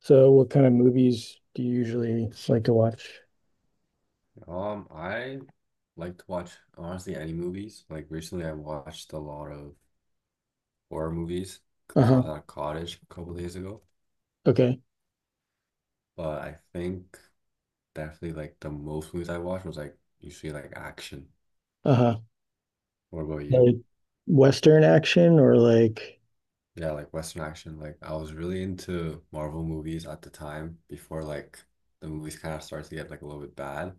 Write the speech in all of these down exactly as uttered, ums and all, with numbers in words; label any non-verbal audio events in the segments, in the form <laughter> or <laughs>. So what kind of movies do you usually like to watch? Um, I like to watch honestly any movies. Like recently, I watched a lot of horror movies because I was Uh-huh. at a cottage a couple days ago. Okay. But I think definitely like the most movies I watched was like usually like action. Uh-huh. What about you? Like Western action or like Yeah, like Western action. Like I was really into Marvel movies at the time before like the movies kind of started to get like a little bit bad.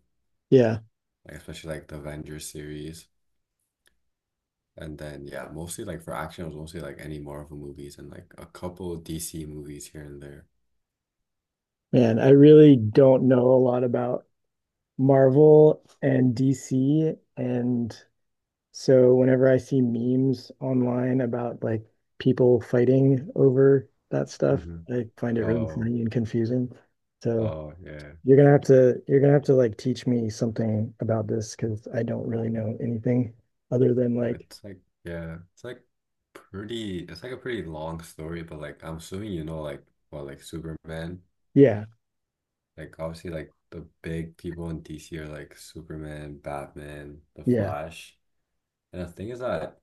yeah, Like especially like the Avengers series. And then yeah, mostly like for action, it was mostly like any Marvel movies and like a couple D C movies here and there. man, I really don't know a lot about Marvel and D C, and so whenever I see memes online about like people fighting over that stuff, Hmm. I find it really Oh, funny and confusing. So oh yeah. you're gonna have to you're gonna have to like teach me something about this because I don't really know anything other than And like It's like yeah, it's like pretty it's like a pretty long story, but like I'm assuming you know like well like Superman. yeah, Like obviously like the big people in D C are like Superman, Batman, The yeah, Flash. And the thing is that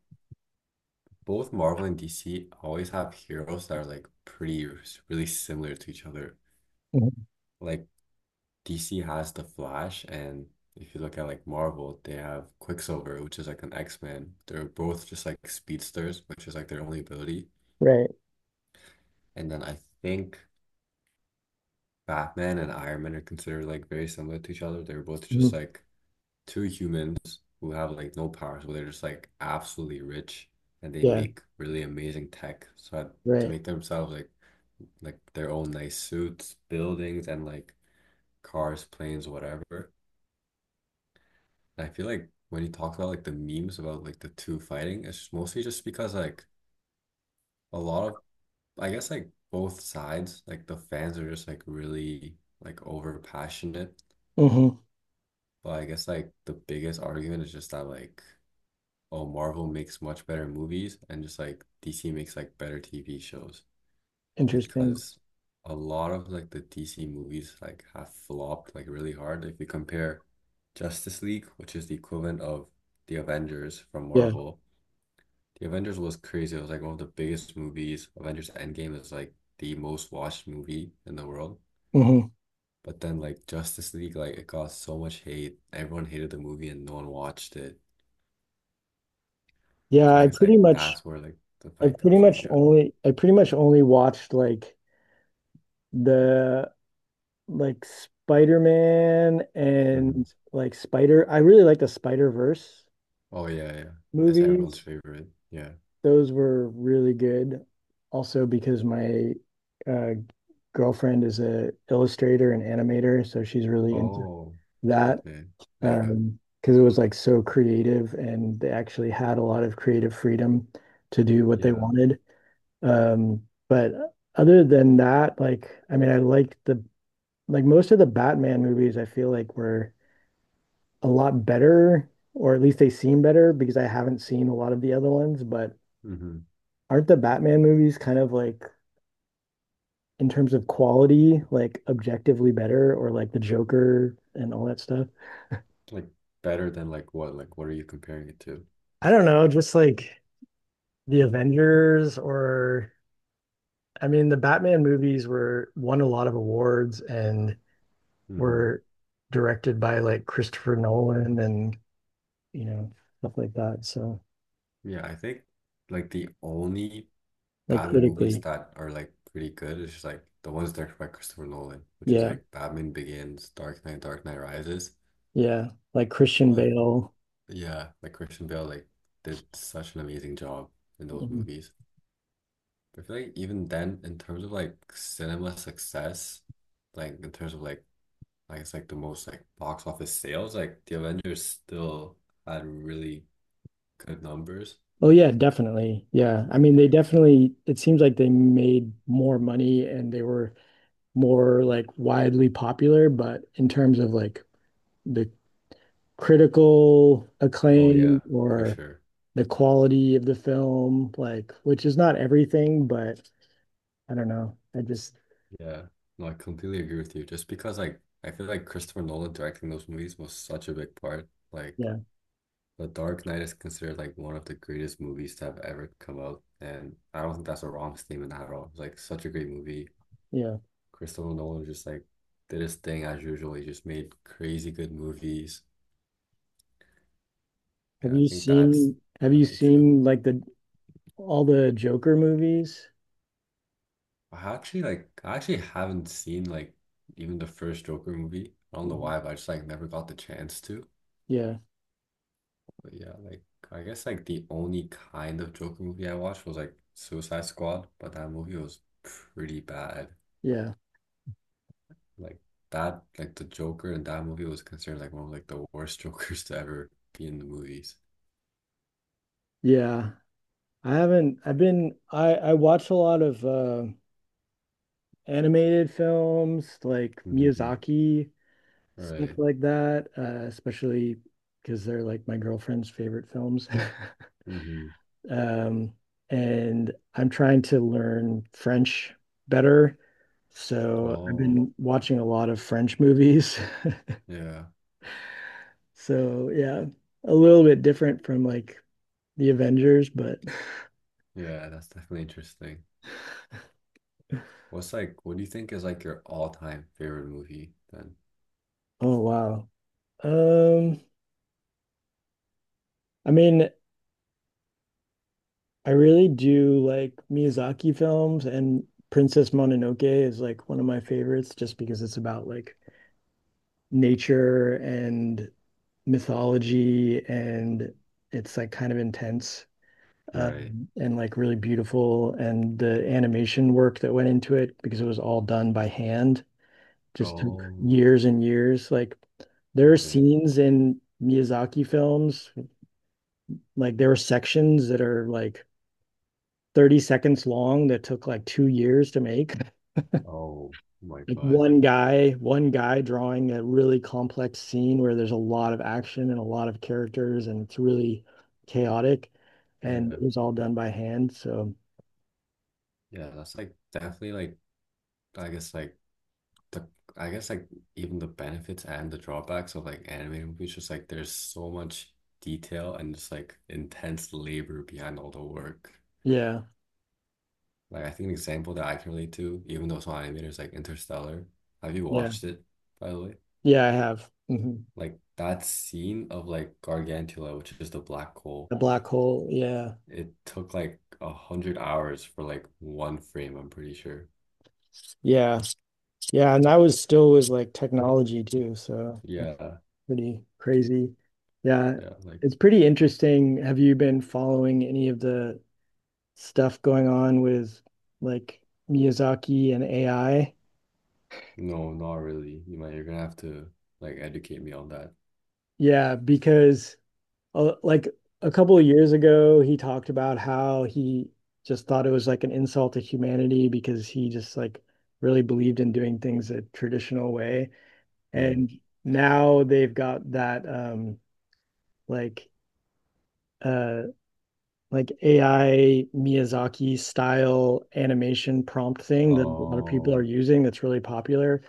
both Marvel and D C always have heroes that are like pretty really similar to each other. mhm, Like D C has the Flash, and if you look at like Marvel, they have Quicksilver, which is like an X-Man. They're both just like speedsters, which is like their only ability. right, And then I think Batman and Iron Man are considered like very similar to each other. They're both just mhm, like two humans who have like no powers, but they're just like absolutely rich and they yeah, make really amazing tech. So I- to right, make themselves like like their own nice suits, buildings, and like cars, planes, whatever. I feel like when you talk about like the memes about like the two fighting, it's mostly just because like a lot of I guess like both sides, like the fans are just like really like over passionate. hmm, But I guess like the biggest argument is just that like oh Marvel makes much better movies and just like D C makes like better T V shows interesting, because a lot of like the D C movies like have flopped like really hard. If you compare Justice League, which is the equivalent of the Avengers from yeah, Marvel, the Avengers was crazy. It was like one of the biggest movies. Avengers Endgame is like the most watched movie in the world. hmm, But then like Justice League, like it got so much hate. Everyone hated the movie and no one watched it. yeah, So I I guess pretty like much that's where like the I fight pretty comes from. much Yeah. only I pretty much only watched like the like Spider-Man and Hmm. like Spider I really like the Spider-Verse Oh yeah, yeah. That's everyone's movies. favorite. Yeah. Those were really good, also because my uh girlfriend is a illustrator and animator, so she's really into Oh, that. okay. Yeah. Um, because it was like so creative and they actually had a lot of creative freedom to do what they Yeah. wanted. Um, but other than that, like, I mean, I liked the like most of the Batman movies, I feel like were a lot better, or at least they seem better because I haven't seen a lot of the other ones. But Hmm. aren't the Batman movies kind of like in terms of quality, like objectively better, or like the Joker and all that stuff? Like better than like what? Like what are you comparing it to? I don't know, just like the Avengers, or I mean the Batman movies were won a lot of awards and Hmm. were directed by like Christopher Nolan and you know stuff like that. So Yeah, I think like the only like Batman movies critically, that are like pretty good. It's just like the ones directed by Christopher Nolan, which is yeah, like Batman Begins, Dark Knight, Dark Knight Rises. yeah, like Christian But Bale. yeah, like Christian Bale like did such an amazing job in those Um, movies. I feel like even then, in terms of like cinema success, like in terms of like I guess like the most like box office sales, like the Avengers still had really good numbers. Oh yeah, definitely. Yeah. I mean, Yeah. they definitely it seems like they made more money and they were more like widely popular, but in terms of like the critical Oh yeah, acclaim for or sure. the quality of the film, like which is not everything, but I don't know. I just Yeah, no, I completely agree with you. Just because like I feel like Christopher Nolan directing those movies was such a big part. Like yeah, The Dark Knight is considered like one of the greatest movies to have ever come out, and I don't think that's a wrong statement at all. It's like such a great movie. yeah. Christopher Nolan just like did his thing as usual. He just made crazy good movies. Have Yeah, I you think that's seen have you definitely true. seen like the all the Joker movies? I actually like I actually haven't seen like even the first Joker movie. I don't know Mhm. why, but I just like never got the chance to. Yeah, But yeah, like I guess like the only kind of Joker movie I watched was like Suicide Squad, but that movie was pretty bad. yeah, Like that, like the Joker in that movie was considered like one of like the worst <laughs> Jokers to ever be in the movies. yeah. I haven't I've been I I watch a lot of uh animated films like Mm-hmm. Miyazaki, stuff Right. like that, uh, especially because they're like my girlfriend's favorite films. Mm-hmm. <laughs> um, and I'm trying to learn French better. So I've Oh, been watching a lot of French movies. <laughs> yeah. So yeah, a little bit different from like the Avengers, but Yeah, that's definitely interesting. <laughs> What's like, what do you think is like your all-time favorite movie then? oh wow. Um, I mean, I really do like Miyazaki films, and Princess Mononoke is like one of my favorites just because it's about like nature and mythology, and it's like kind of intense, Right. um, and like really beautiful, and the animation work that went into it because it was all done by hand just took Oh, years and years. Like there are okay. scenes in Miyazaki films, like there are sections that are like thirty seconds long that took like two years to make, Oh my like God. one guy, one guy drawing a really complex scene where there's a lot of action and a lot of characters and it's really chaotic, and Yeah. it was all done by hand. So Yeah, that's like definitely like I guess like the I guess like even the benefits and the drawbacks of like animated movies, just like there's so much detail and just like intense labor behind all the work. yeah, Like I think an example that I can relate to, even though it's not animated, is like Interstellar. Have you yeah, watched it, by the way? yeah, I have. Mhm. Like that scene of like Gargantula, which is the black hole, The black hole. Yeah. it took like a hundred hours for like one frame, I'm pretty sure. Yeah. Yeah. And that was still was like technology too. So that's Yeah, pretty crazy. Yeah. yeah, like It's pretty interesting. Have you been following any of the stuff going on with like Miyazaki and A I? no, not really. You might you're gonna have to like educate me on that. Yeah, because uh, like a couple of years ago, he talked about how he just thought it was like an insult to humanity because he just like really believed in doing things a traditional way. Right. And now they've got that um like uh like A I Miyazaki style animation prompt thing that a lot of people are Oh, using that's really popular,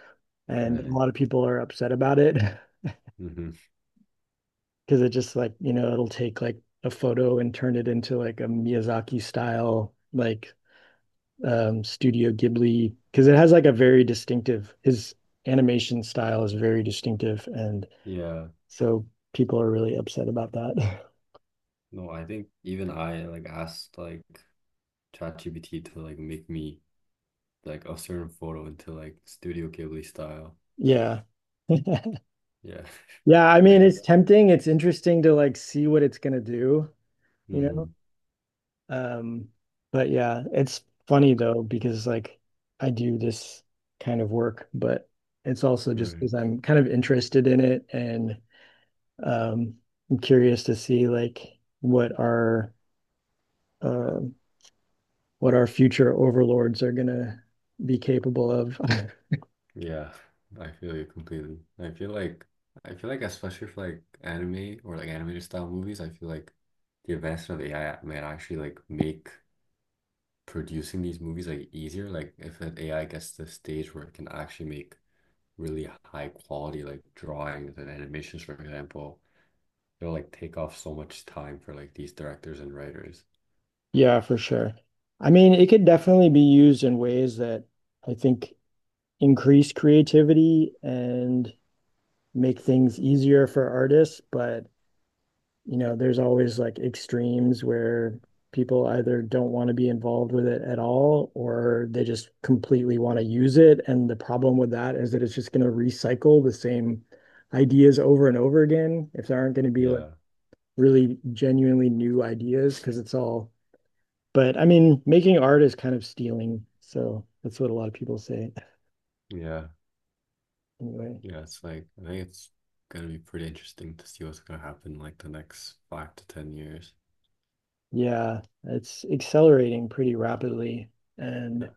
and a right. lot of people are upset about it. <laughs> Hmm. Because it just like you know it'll take like a photo and turn it into like a Miyazaki style, like um Studio Ghibli, because it has like a very distinctive, his animation style is very distinctive, and Yeah. so people are really upset about that. <laughs> No, I think even I like asked like ChatGPT to like make me like a certain photo into like Studio Ghibli style. Yeah. <laughs> Yeah, Yeah, I <laughs> I mean it's guess. tempting, it's interesting to like see what it's gonna do, you Hmm. know? Um, but yeah, it's funny though because like I do this kind of work, but it's also just Right. because I'm kind of interested in it, and um, I'm curious to see like what our uh, what our future overlords are gonna be capable of. <laughs> Yeah, I feel you completely. I feel like I feel like especially for like anime or like animated style movies, I feel like the advancement of A I might actually like make producing these movies like easier. Like if an A I gets to the stage where it can actually make really high quality like drawings and animations, for example, it'll like take off so much time for like these directors and writers. Yeah, for sure. I mean, it could definitely be used in ways that I think increase creativity and make things easier for artists, but you know, there's always like extremes where people either don't want to be involved with it at all or they just completely want to use it. And the problem with that is that it's just going to recycle the same ideas over and over again if there aren't going to be like Yeah. really genuinely new ideas because it's all. But I mean, making art is kind of stealing. So that's what a lot of people say Yeah. anyway. Yeah. It's like I think it's gonna be pretty interesting to see what's gonna happen like the next five to ten years. Yeah, it's accelerating pretty rapidly. Yeah. And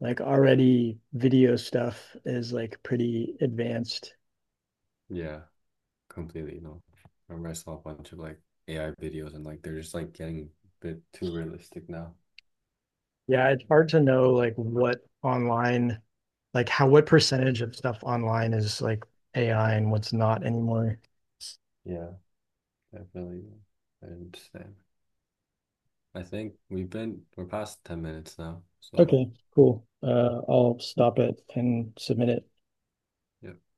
like already video stuff is like pretty advanced. Yeah. Completely. No. I remember I saw a bunch of like A I videos and like they're just like getting a bit too realistic now. Yeah, it's hard to know like what online, like how what percentage of stuff online is like A I and what's not anymore. Yeah, definitely. I understand. I think we've been we're past ten minutes now, so Okay, cool. Uh, I'll stop it and submit it. yeah.